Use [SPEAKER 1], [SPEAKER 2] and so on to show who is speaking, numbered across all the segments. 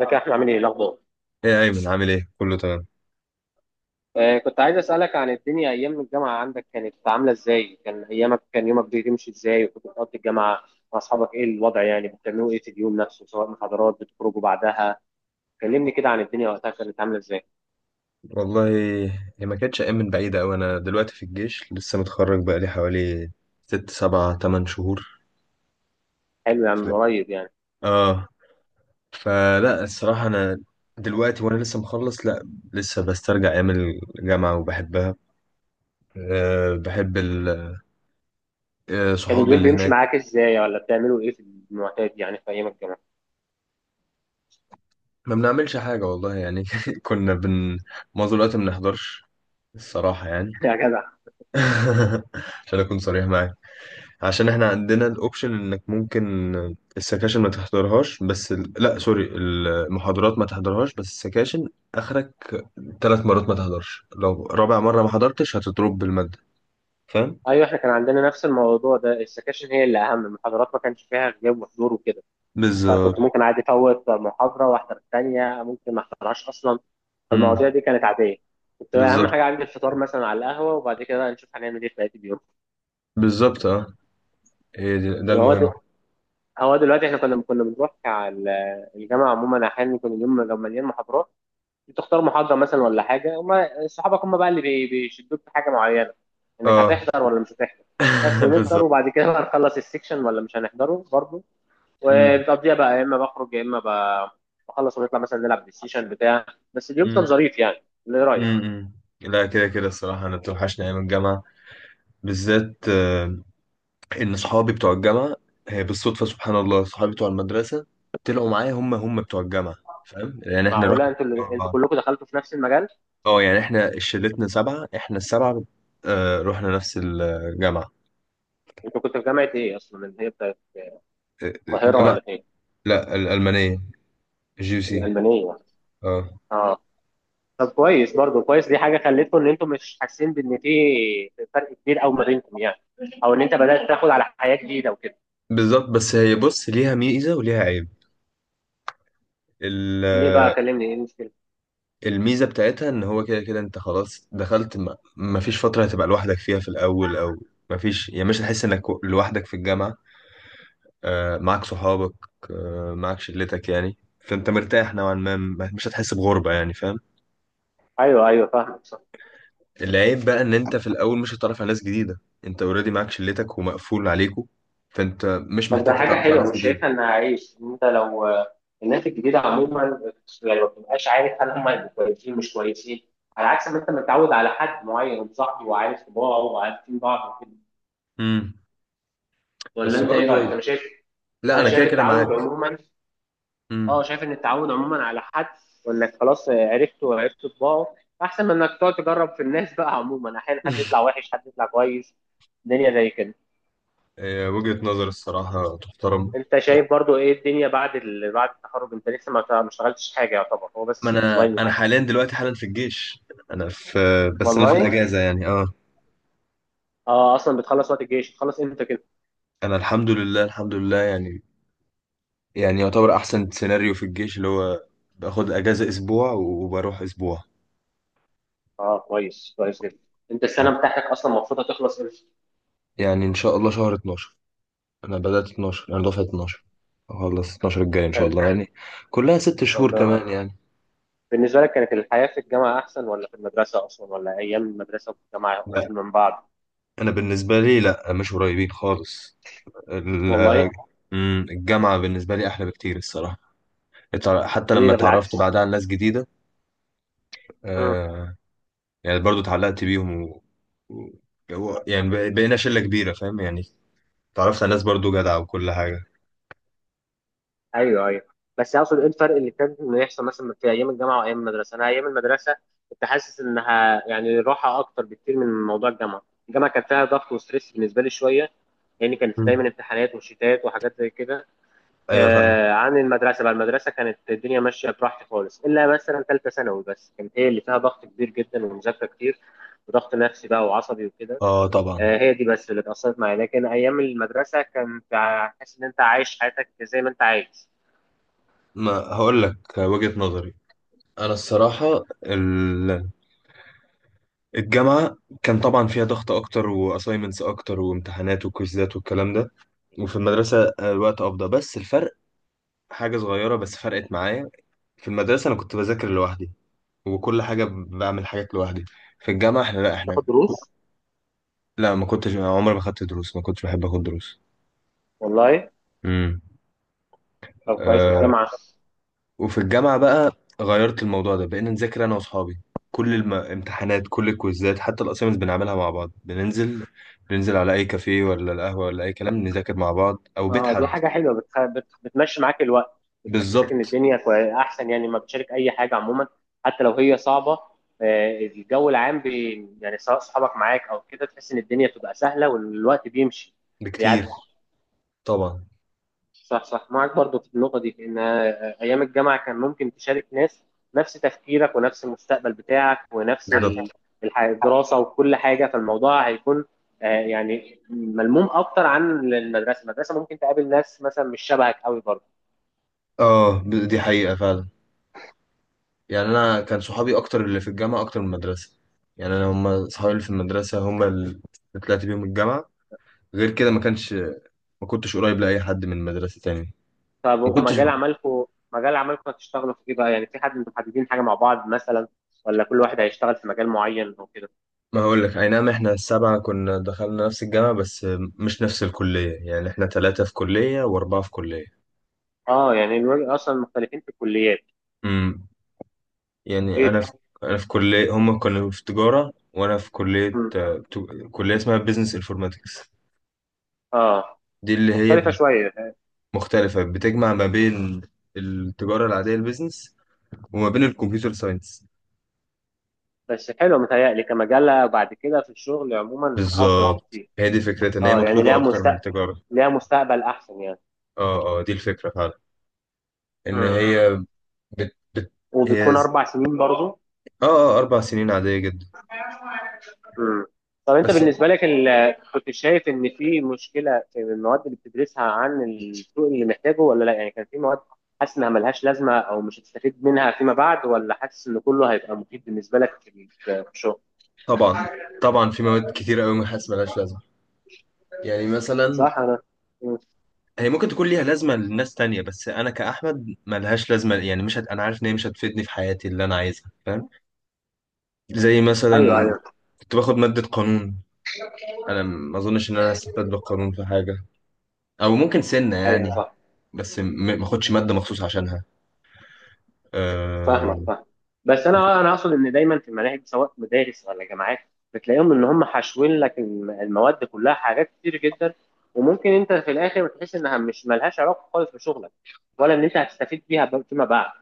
[SPEAKER 1] ازيك يا احمد، عامل ايه الاخبار؟
[SPEAKER 2] ايه يا ايمن، عامل ايه؟ كله تمام.
[SPEAKER 1] كنت عايز اسالك عن الدنيا ايام الجامعه عندك، كانت عامله ازاي؟ كان يومك بيمشي ازاي؟ وكنت بتقضي الجامعه مع اصحابك، ايه الوضع؟ يعني بتعملوا ايه في اليوم نفسه، سواء محاضرات بتخرجوا بعدها؟ كلمني كده عن الدنيا وقتها كانت عامله ازاي.
[SPEAKER 2] والله، هي ما كانتش ايام من بعيده قوي. انا دلوقتي في الجيش، لسه متخرج بقالي حوالي ست سبعة تمن شهور.
[SPEAKER 1] حلو يا عم، قريب يعني.
[SPEAKER 2] اه. فلا الصراحه انا دلوقتي وانا لسه مخلص، لا لسه بسترجع ايام الجامعه وبحبها. أه بحب ال-
[SPEAKER 1] كان
[SPEAKER 2] صحابي
[SPEAKER 1] اليوم
[SPEAKER 2] اللي
[SPEAKER 1] بيمشي
[SPEAKER 2] هناك.
[SPEAKER 1] معاك ازاي؟ ولا بتعملوا ايه في المعتاد يعني في ايام الجامعه؟
[SPEAKER 2] ما بنعملش حاجه والله يعني كنا بن معظم الوقت ما بنحضرش الصراحه يعني.
[SPEAKER 1] يا جدع.
[SPEAKER 2] عشان اكون صريح معاك، عشان احنا عندنا الاوبشن انك ممكن السكاشن ما تحضرهاش، بس لا سوري، المحاضرات ما تحضرهاش، بس السكاشن اخرك 3 مرات ما تحضرش، لو رابع مرة ما حضرتش هتضرب بالمادة. فاهم؟
[SPEAKER 1] ايوه، احنا كان عندنا نفس الموضوع ده، السكاشن هي اللي اهم، المحاضرات ما كانش فيها غياب وحضور وكده. فكنت
[SPEAKER 2] بالظبط.
[SPEAKER 1] ممكن عادي افوت محاضره واحضر الثانيه، ممكن ما احضرهاش اصلا.
[SPEAKER 2] امم.
[SPEAKER 1] فالمواضيع دي كانت عاديه. كنت اهم
[SPEAKER 2] بالظبط
[SPEAKER 1] حاجه عندي الفطار مثلا على القهوه، وبعد كده بقى نشوف هنعمل ايه في بقيه اليوم.
[SPEAKER 2] بالظبط اه. ده
[SPEAKER 1] هو د-
[SPEAKER 2] المهم.
[SPEAKER 1] هو دلوقتي احنا كنا بنروح على الجامعه عموما. احيانا يكون اليوم لو مليان محاضرات، بتختار محاضره مثلا ولا حاجه. هم صحابك هم بقى اللي بيشدوك في حاجه معينه، انك
[SPEAKER 2] اه.
[SPEAKER 1] هتحضر ولا مش هتحضر. بس ونفطر،
[SPEAKER 2] بالظبط.
[SPEAKER 1] وبعد كده بقى نخلص السكشن ولا مش هنحضره برضه.
[SPEAKER 2] امم
[SPEAKER 1] وبتقضيها بقى يا اما بخرج، يا اما بخلص ونطلع مثلا نلعب بلاي ستيشن بتاع. بس اليوم كان
[SPEAKER 2] امم
[SPEAKER 1] ظريف يعني، اللي رايك.
[SPEAKER 2] أمم. لا، كده كده الصراحة انا بتوحشني ايام الجامعة بالذات. ان صحابي بتوع الجامعه، بالصدفه سبحان الله، صحابي بتوع المدرسه طلعوا معايا، هم بتوع الجامعه. فاهم يعني؟ احنا
[SPEAKER 1] معقوله
[SPEAKER 2] رحنا
[SPEAKER 1] انتوا
[SPEAKER 2] مع
[SPEAKER 1] انتوا
[SPEAKER 2] بعض.
[SPEAKER 1] كلكم دخلتوا في نفس المجال؟
[SPEAKER 2] اه يعني احنا شلتنا سبعه، احنا السبعه رحنا نفس الجامعه.
[SPEAKER 1] انت كنت في جامعه ايه اصلا اللي هي بتاعت
[SPEAKER 2] آه،
[SPEAKER 1] القاهره
[SPEAKER 2] الجامعه.
[SPEAKER 1] ولا فين؟
[SPEAKER 2] لا، الالمانيه. جي سي.
[SPEAKER 1] الالمانيه؟
[SPEAKER 2] اه.
[SPEAKER 1] اه. طب كويس، برضو كويس. دي حاجه خلتكم ان انتم مش حاسين بان في فرق كبير قوي ما بينكم يعني، او ان انت بدات تاخد على حياه جديده وكده.
[SPEAKER 2] بالظبط. بس هي بص، ليها ميزه وليها عيب. ال-
[SPEAKER 1] ليه بقى؟
[SPEAKER 2] آه،
[SPEAKER 1] كلمني ايه المشكله.
[SPEAKER 2] الميزه بتاعتها ان هو كده كده انت خلاص دخلت، ما فيش فتره هتبقى لوحدك فيها في الاول، او ما فيش، يعني مش هتحس انك لوحدك في الجامعه، معاك صحابك، معاك شلتك. يعني فانت مرتاح نوعا ما، مش هتحس بغربة يعني، فاهم؟
[SPEAKER 1] ايوه ايوه، فاهمك صح.
[SPEAKER 2] العيب بقى ان انت في الاول مش هتتعرف على ناس جديدة. انت اوريدي معاك شلتك ومقفول عليكو، فانت مش
[SPEAKER 1] طب ده
[SPEAKER 2] محتاج
[SPEAKER 1] حاجه
[SPEAKER 2] تتعرف على
[SPEAKER 1] حلوه،
[SPEAKER 2] ناس
[SPEAKER 1] مش
[SPEAKER 2] جديدة.
[SPEAKER 1] شايفها انها عيش؟ ان انت لو الناس الجديده عموما، يعني ما بتبقاش عارف هل هم هيبقوا كويسين مش كويسين، على عكس ما انت متعود على حد معين وصاحبه وعارف طباعه وعارفين بعض وكده.
[SPEAKER 2] امم
[SPEAKER 1] ولا
[SPEAKER 2] بس
[SPEAKER 1] انت ايه رايك؟ انا
[SPEAKER 2] برضو،
[SPEAKER 1] شايف
[SPEAKER 2] لا
[SPEAKER 1] انا
[SPEAKER 2] انا كده
[SPEAKER 1] شايف
[SPEAKER 2] كده
[SPEAKER 1] التعود
[SPEAKER 2] معاك.
[SPEAKER 1] عموما.
[SPEAKER 2] امم
[SPEAKER 1] اه شايف ان التعود عموما على حد وانك خلاص عرفته وعرفت طباعه، احسن من انك تقعد تجرب في الناس بقى عموما، احيانا حد يطلع وحش حد يطلع كويس. الدنيا زي كده.
[SPEAKER 2] وجهة نظر الصراحة تحترم.
[SPEAKER 1] انت شايف برضو ايه الدنيا بعد بعد التخرج؟ انت لسه ما اشتغلتش حاجه، يعتبر هو
[SPEAKER 2] ما
[SPEAKER 1] بس
[SPEAKER 2] انا
[SPEAKER 1] الاونلاين
[SPEAKER 2] انا
[SPEAKER 1] وكده.
[SPEAKER 2] حاليا دلوقتي حالا في الجيش. انا في بس انا في
[SPEAKER 1] والله.
[SPEAKER 2] الاجازة يعني. اه.
[SPEAKER 1] اه، اصلا بتخلص وقت الجيش، بتخلص امتى كده؟
[SPEAKER 2] انا الحمد لله الحمد لله يعني، يعني يعتبر احسن سيناريو في الجيش اللي هو باخد اجازة اسبوع وبروح اسبوع.
[SPEAKER 1] اه، كويس كويس جدا. انت السنه بتاعتك اصلا المفروض هتخلص امتى؟
[SPEAKER 2] يعني ان شاء الله شهر 12، انا بدأت 12، انا دفعة 12، اخلص 12 الجاي ان شاء
[SPEAKER 1] حلو.
[SPEAKER 2] الله يعني. كلها 6 شهور
[SPEAKER 1] ربنا
[SPEAKER 2] كمان
[SPEAKER 1] معاك.
[SPEAKER 2] يعني.
[SPEAKER 1] بالنسبة لك كانت الحياة في الجامعة أحسن، ولا في المدرسة أصلا، ولا أيام المدرسة والجامعة
[SPEAKER 2] لا،
[SPEAKER 1] قريبين من بعض؟
[SPEAKER 2] انا بالنسبة لي لا، مش قريبين خالص. ال-
[SPEAKER 1] والله.
[SPEAKER 2] الجامعة بالنسبة لي احلى بكتير الصراحة. حتى
[SPEAKER 1] ليه؟
[SPEAKER 2] لما
[SPEAKER 1] ده
[SPEAKER 2] اتعرفت
[SPEAKER 1] بالعكس.
[SPEAKER 2] بعدها على ناس جديدة.
[SPEAKER 1] مم.
[SPEAKER 2] آه. يعني برضو اتعلقت بيهم، يعني بقينا شلة كبيرة، فاهم يعني. اتعرفت على ناس برضو جدعة وكل حاجة.
[SPEAKER 1] أيوه أيوه، بس أقصد إيه الفرق اللي كان إنه يحصل مثلا في أيام الجامعة وأيام المدرسة؟ أنا أيام المدرسة كنت حاسس إنها يعني راحة أكتر بكتير من موضوع الجامعة، الجامعة كان فيها ضغط وستريس بالنسبة لي شوية، لأن يعني كان
[SPEAKER 2] مم.
[SPEAKER 1] دايما امتحانات وشتات وحاجات زي كده.
[SPEAKER 2] ايوه فاهم.
[SPEAKER 1] عن المدرسه بقى، المدرسه كانت الدنيا ماشيه براحتي خالص، الا مثلا ثالثه ثانوي بس كانت هي اللي فيها ضغط كبير جدا ومذاكره كتير وضغط نفسي بقى وعصبي وكده.
[SPEAKER 2] اه طبعا.
[SPEAKER 1] هي دي بس اللي اتأثرت معايا، لكن ايام المدرسه كنت حاسس ان انت عايش حياتك زي ما انت عايز.
[SPEAKER 2] ما هقول لك وجهة نظري. انا الصراحة ال- الجامعة كان طبعا فيها ضغط اكتر واساينمنتس اكتر وامتحانات وكويزات والكلام ده، وفي المدرسة الوقت افضل. بس الفرق حاجة صغيرة بس فرقت معايا. في المدرسة انا كنت بذاكر لوحدي، وكل حاجة بعمل حاجات لوحدي. في الجامعة احنا، لا احنا،
[SPEAKER 1] تاخد دروس؟
[SPEAKER 2] لا، ما كنتش عمري ما خدت دروس، ما كنتش بحب اخد دروس.
[SPEAKER 1] والله. طب كويس.
[SPEAKER 2] امم
[SPEAKER 1] والجامعه؟
[SPEAKER 2] وفي الجامعة بقى غيرت الموضوع ده، بقينا نذاكر أنا وأصحابي. كل الامتحانات، كل الكويزات، حتى الأسايمنتس بنعملها مع بعض. بننزل على أي كافيه ولا القهوة ولا أي كلام، نذاكر مع بعض أو بيت
[SPEAKER 1] اه، دي
[SPEAKER 2] حد.
[SPEAKER 1] حاجة حلوة. بتمشي معاك الوقت، بتحسسك ان
[SPEAKER 2] بالظبط.
[SPEAKER 1] الدنيا احسن، يعني لما بتشارك اي حاجة عموما حتى لو هي صعبة. الجو العام يعني سواء صحابك معاك او كده، تحس ان الدنيا بتبقى سهلة والوقت بيمشي بيعدي.
[SPEAKER 2] بكتير. طبعا.
[SPEAKER 1] صح صح، معاك برضو في النقطة دي، ان ايام الجامعة كان ممكن تشارك ناس نفس تفكيرك ونفس المستقبل بتاعك ونفس
[SPEAKER 2] بالظبط.
[SPEAKER 1] الدراسة وكل حاجة، فالموضوع هيكون يعني ملموم اكتر عن المدرسة. المدرسة ممكن تقابل ناس مثلا مش شبهك قوي برضو.
[SPEAKER 2] دي حقيقة فعلا. يعني أنا كان صحابي أكتر اللي في الجامعة أكتر من المدرسة. يعني أنا، هما صحابي اللي في المدرسة هما اللي طلعت بيهم الجامعة، غير كده ما كانش، ما كنتش قريب لأي حد من المدرسة تاني.
[SPEAKER 1] طب
[SPEAKER 2] ما كنتش
[SPEAKER 1] ومجال عملكم، مجال عملكم هتشتغلوا في ايه بقى؟ يعني في حد انتوا محددين حاجه مع بعض مثلا، ولا كل واحد هيشتغل في مجال معين او كده؟
[SPEAKER 2] ما هقول لك، اي نعم احنا السبعة كنا دخلنا نفس الجامعة، بس مش نفس الكلية. يعني احنا ثلاثة في كلية واربعة في كلية.
[SPEAKER 1] اه يعني الوجه اصلا مختلفين في الكليات.
[SPEAKER 2] امم يعني انا
[SPEAKER 1] ايه؟
[SPEAKER 2] في انا في كلية، هم كانوا في تجارة وانا في كلية
[SPEAKER 1] مم.
[SPEAKER 2] كلية اسمها بيزنس انفورماتكس.
[SPEAKER 1] اه،
[SPEAKER 2] دي اللي هي
[SPEAKER 1] مختلفه
[SPEAKER 2] بت-
[SPEAKER 1] شويه.
[SPEAKER 2] مختلفة، بتجمع ما بين التجارة العادية، البيزنس، وما بين الكمبيوتر ساينس.
[SPEAKER 1] بس حلو، متهيألي كمجال بعد كده في الشغل عموما افضل
[SPEAKER 2] بالظبط،
[SPEAKER 1] بكتير.
[SPEAKER 2] هي دي فكرتها، ان هي
[SPEAKER 1] اه يعني
[SPEAKER 2] مطلوبة
[SPEAKER 1] ليها
[SPEAKER 2] اكتر من
[SPEAKER 1] مستقبل،
[SPEAKER 2] التجارة.
[SPEAKER 1] ليها مستقبل احسن يعني.
[SPEAKER 2] اه اه دي الفكرة فعلا. ان
[SPEAKER 1] مم.
[SPEAKER 2] هي بت... بت... هي
[SPEAKER 1] وبتكون
[SPEAKER 2] ز-
[SPEAKER 1] 4 سنين برضو.
[SPEAKER 2] اه اه 4 سنين عادية جدا.
[SPEAKER 1] مم. طب انت
[SPEAKER 2] بس.
[SPEAKER 1] بالنسبه لك كنت شايف ان في مشكله في المواد اللي بتدرسها عن السوق اللي محتاجه ولا لا؟ يعني كان في مواد حاسس انها ملهاش لازمه او مش هتستفيد منها فيما بعد، ولا حاسس ان كله هيبقى مفيد بالنسبه لك في الشغل؟
[SPEAKER 2] طبعا طبعا في مواد كتير قوي ما حاسس ملهاش لازمه. يعني مثلا،
[SPEAKER 1] صح. انا. مم.
[SPEAKER 2] هي ممكن تكون ليها لازمه لناس تانية، بس انا كاحمد ملهاش لازمه يعني. مش هت... انا عارف ان هي مش هتفيدني في حياتي اللي انا عايزها، فاهم. زي
[SPEAKER 1] ايوه صح
[SPEAKER 2] مثلا
[SPEAKER 1] ايوه.
[SPEAKER 2] كنت باخد ماده قانون، انا ما اظنش ان انا هستفاد بالقانون في حاجه، او ممكن سنه يعني.
[SPEAKER 1] ايوه صح.
[SPEAKER 2] بس م- ما اخدش ماده مخصوص عشانها. أه...
[SPEAKER 1] فاهمك فاهم. بس انا اقصد ان دايما في المناهج سواء مدارس ولا جامعات بتلاقيهم ان هم حاشوين لك المواد كلها حاجات كتير جدا، وممكن انت في الاخر بتحس انها مش ملهاش علاقه خالص بشغلك، ولا ان انت هتستفيد بيها فيما بعد.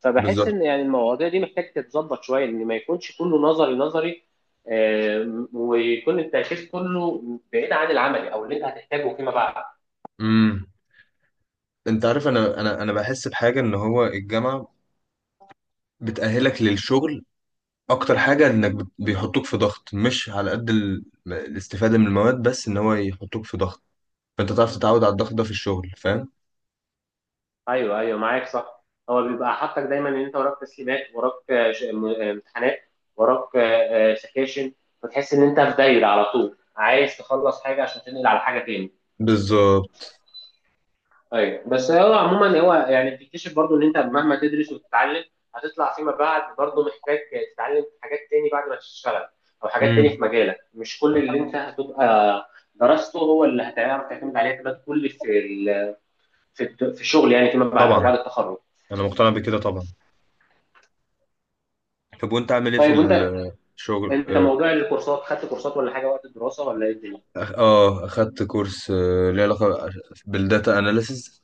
[SPEAKER 1] فبحس
[SPEAKER 2] بالظبط.
[SPEAKER 1] ان يعني المواضيع دي محتاج تتظبط شويه، ان ما يكونش كله نظري نظري. ويكون التركيز كله بعيد عن العملي او اللي انت هتحتاجه فيما بعد.
[SPEAKER 2] امم. انت عارف، انا انا بحس بحاجه ان هو الجامعه بتأهلك للشغل اكتر حاجه، انك بيحطوك في ضغط مش على قد الاستفاده من المواد، بس ان هو يحطوك في ضغط، فانت تعرف تتعود على الضغط ده في الشغل، فاهم.
[SPEAKER 1] ايوه ايوه، معاك صح. هو بيبقى حاطك دايما ان انت وراك تسليمات، وراك امتحانات، وراك سكاشن. فتحس ان انت في دايره على طول، عايز تخلص حاجه عشان تنقل على حاجه تاني.
[SPEAKER 2] بالظبط.
[SPEAKER 1] ايوه. بس هو عموما هو يعني بتكتشف برضو ان انت مهما تدرس وتتعلم هتطلع فيما بعد برضو محتاج تتعلم حاجات تاني بعد ما تشتغل، او حاجات تاني
[SPEAKER 2] امم.
[SPEAKER 1] في مجالك. مش كل اللي انت هتبقى درسته هو اللي هتعرف تعتمد عليه اعتماد كلي في في الشغل يعني فيما بعد او بعد
[SPEAKER 2] طبعا
[SPEAKER 1] التخرج.
[SPEAKER 2] انا مقتنع بكده طبعا. طب وانت عامل ايه في
[SPEAKER 1] طيب وانت.
[SPEAKER 2] الشغل؟
[SPEAKER 1] انت
[SPEAKER 2] اه.
[SPEAKER 1] موضوع الكورسات، خدت كورسات ولا حاجه وقت الدراسه، ولا ايه الدنيا؟
[SPEAKER 2] اخدت كورس ليه علاقه بالداتا اناليسز.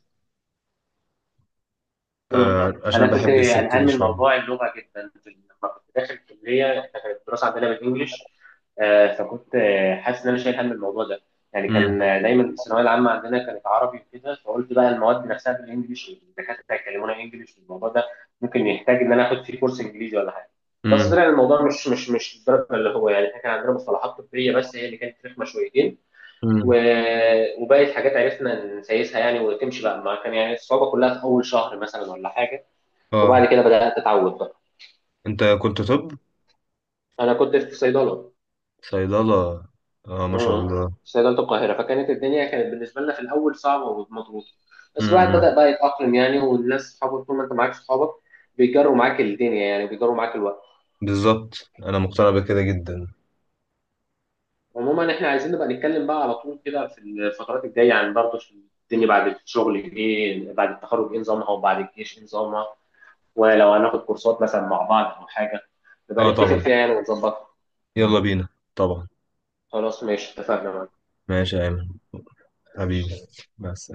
[SPEAKER 1] مم.
[SPEAKER 2] آه عشان
[SPEAKER 1] انا كنت
[SPEAKER 2] بحب السكه
[SPEAKER 1] قلقان
[SPEAKER 2] دي
[SPEAKER 1] من
[SPEAKER 2] شويه.
[SPEAKER 1] موضوع اللغه جدا لما كنت داخل الكليه، إحنا كانت الدراسه عندنا بالانجلش. فكنت حاسس ان انا شايل هم الموضوع ده. يعني
[SPEAKER 2] امم
[SPEAKER 1] كان دايما في الثانويه العامه عندنا كانت عربي وكده، فقلت بقى المواد نفسها بالانجلش الدكاتره يكلمونا انجلش، الموضوع ده ممكن يحتاج ان انا اخد فيه كورس انجليزي ولا حاجه. بس طلع
[SPEAKER 2] امم
[SPEAKER 1] الموضوع مش الدرجه اللي هو يعني. إحنا كان عندنا مصطلحات طبيه بس هي اللي كانت رخمه شويتين،
[SPEAKER 2] امم
[SPEAKER 1] وباقي الحاجات عرفنا نسيسها يعني وتمشي بقى. ما كان يعني الصعوبة كلها في أول شهر مثلا ولا حاجة،
[SPEAKER 2] اه.
[SPEAKER 1] وبعد كده بدأت أتعود بقى.
[SPEAKER 2] انت كنت طب؟
[SPEAKER 1] أنا كنت في صيدلة.
[SPEAKER 2] صيدله. اه ما شاء
[SPEAKER 1] امم.
[SPEAKER 2] الله.
[SPEAKER 1] في صيدلة القاهرة، فكانت الدنيا كانت بالنسبة لنا في الأول صعبة ومضغوطة، بس الواحد
[SPEAKER 2] امم.
[SPEAKER 1] بدأ بقى يتأقلم يعني. والناس صحابه، طول ما أنت معاك صحابك بيجروا معاك الدنيا يعني، بيجروا معاك الوقت.
[SPEAKER 2] بالظبط. انا مقتنع بكده جدا.
[SPEAKER 1] عموما احنا عايزين نبقى نتكلم بقى على طول كده في الفترات الجاية عن برضه الدنيا بعد الشغل، ايه بعد التخرج ايه نظامها، وبعد الجيش ايه نظامها، ولو هناخد كورسات مثلا مع بعض أو حاجة نبقى
[SPEAKER 2] اه
[SPEAKER 1] نتفق
[SPEAKER 2] طبعا.
[SPEAKER 1] فيها يعني ونظبطها.
[SPEAKER 2] يلا بينا. طبعا.
[SPEAKER 1] خلاص، ماشي، اتفقنا.
[SPEAKER 2] ماشي يا ايمن، حبيبي.
[SPEAKER 1] ماشي.
[SPEAKER 2] بس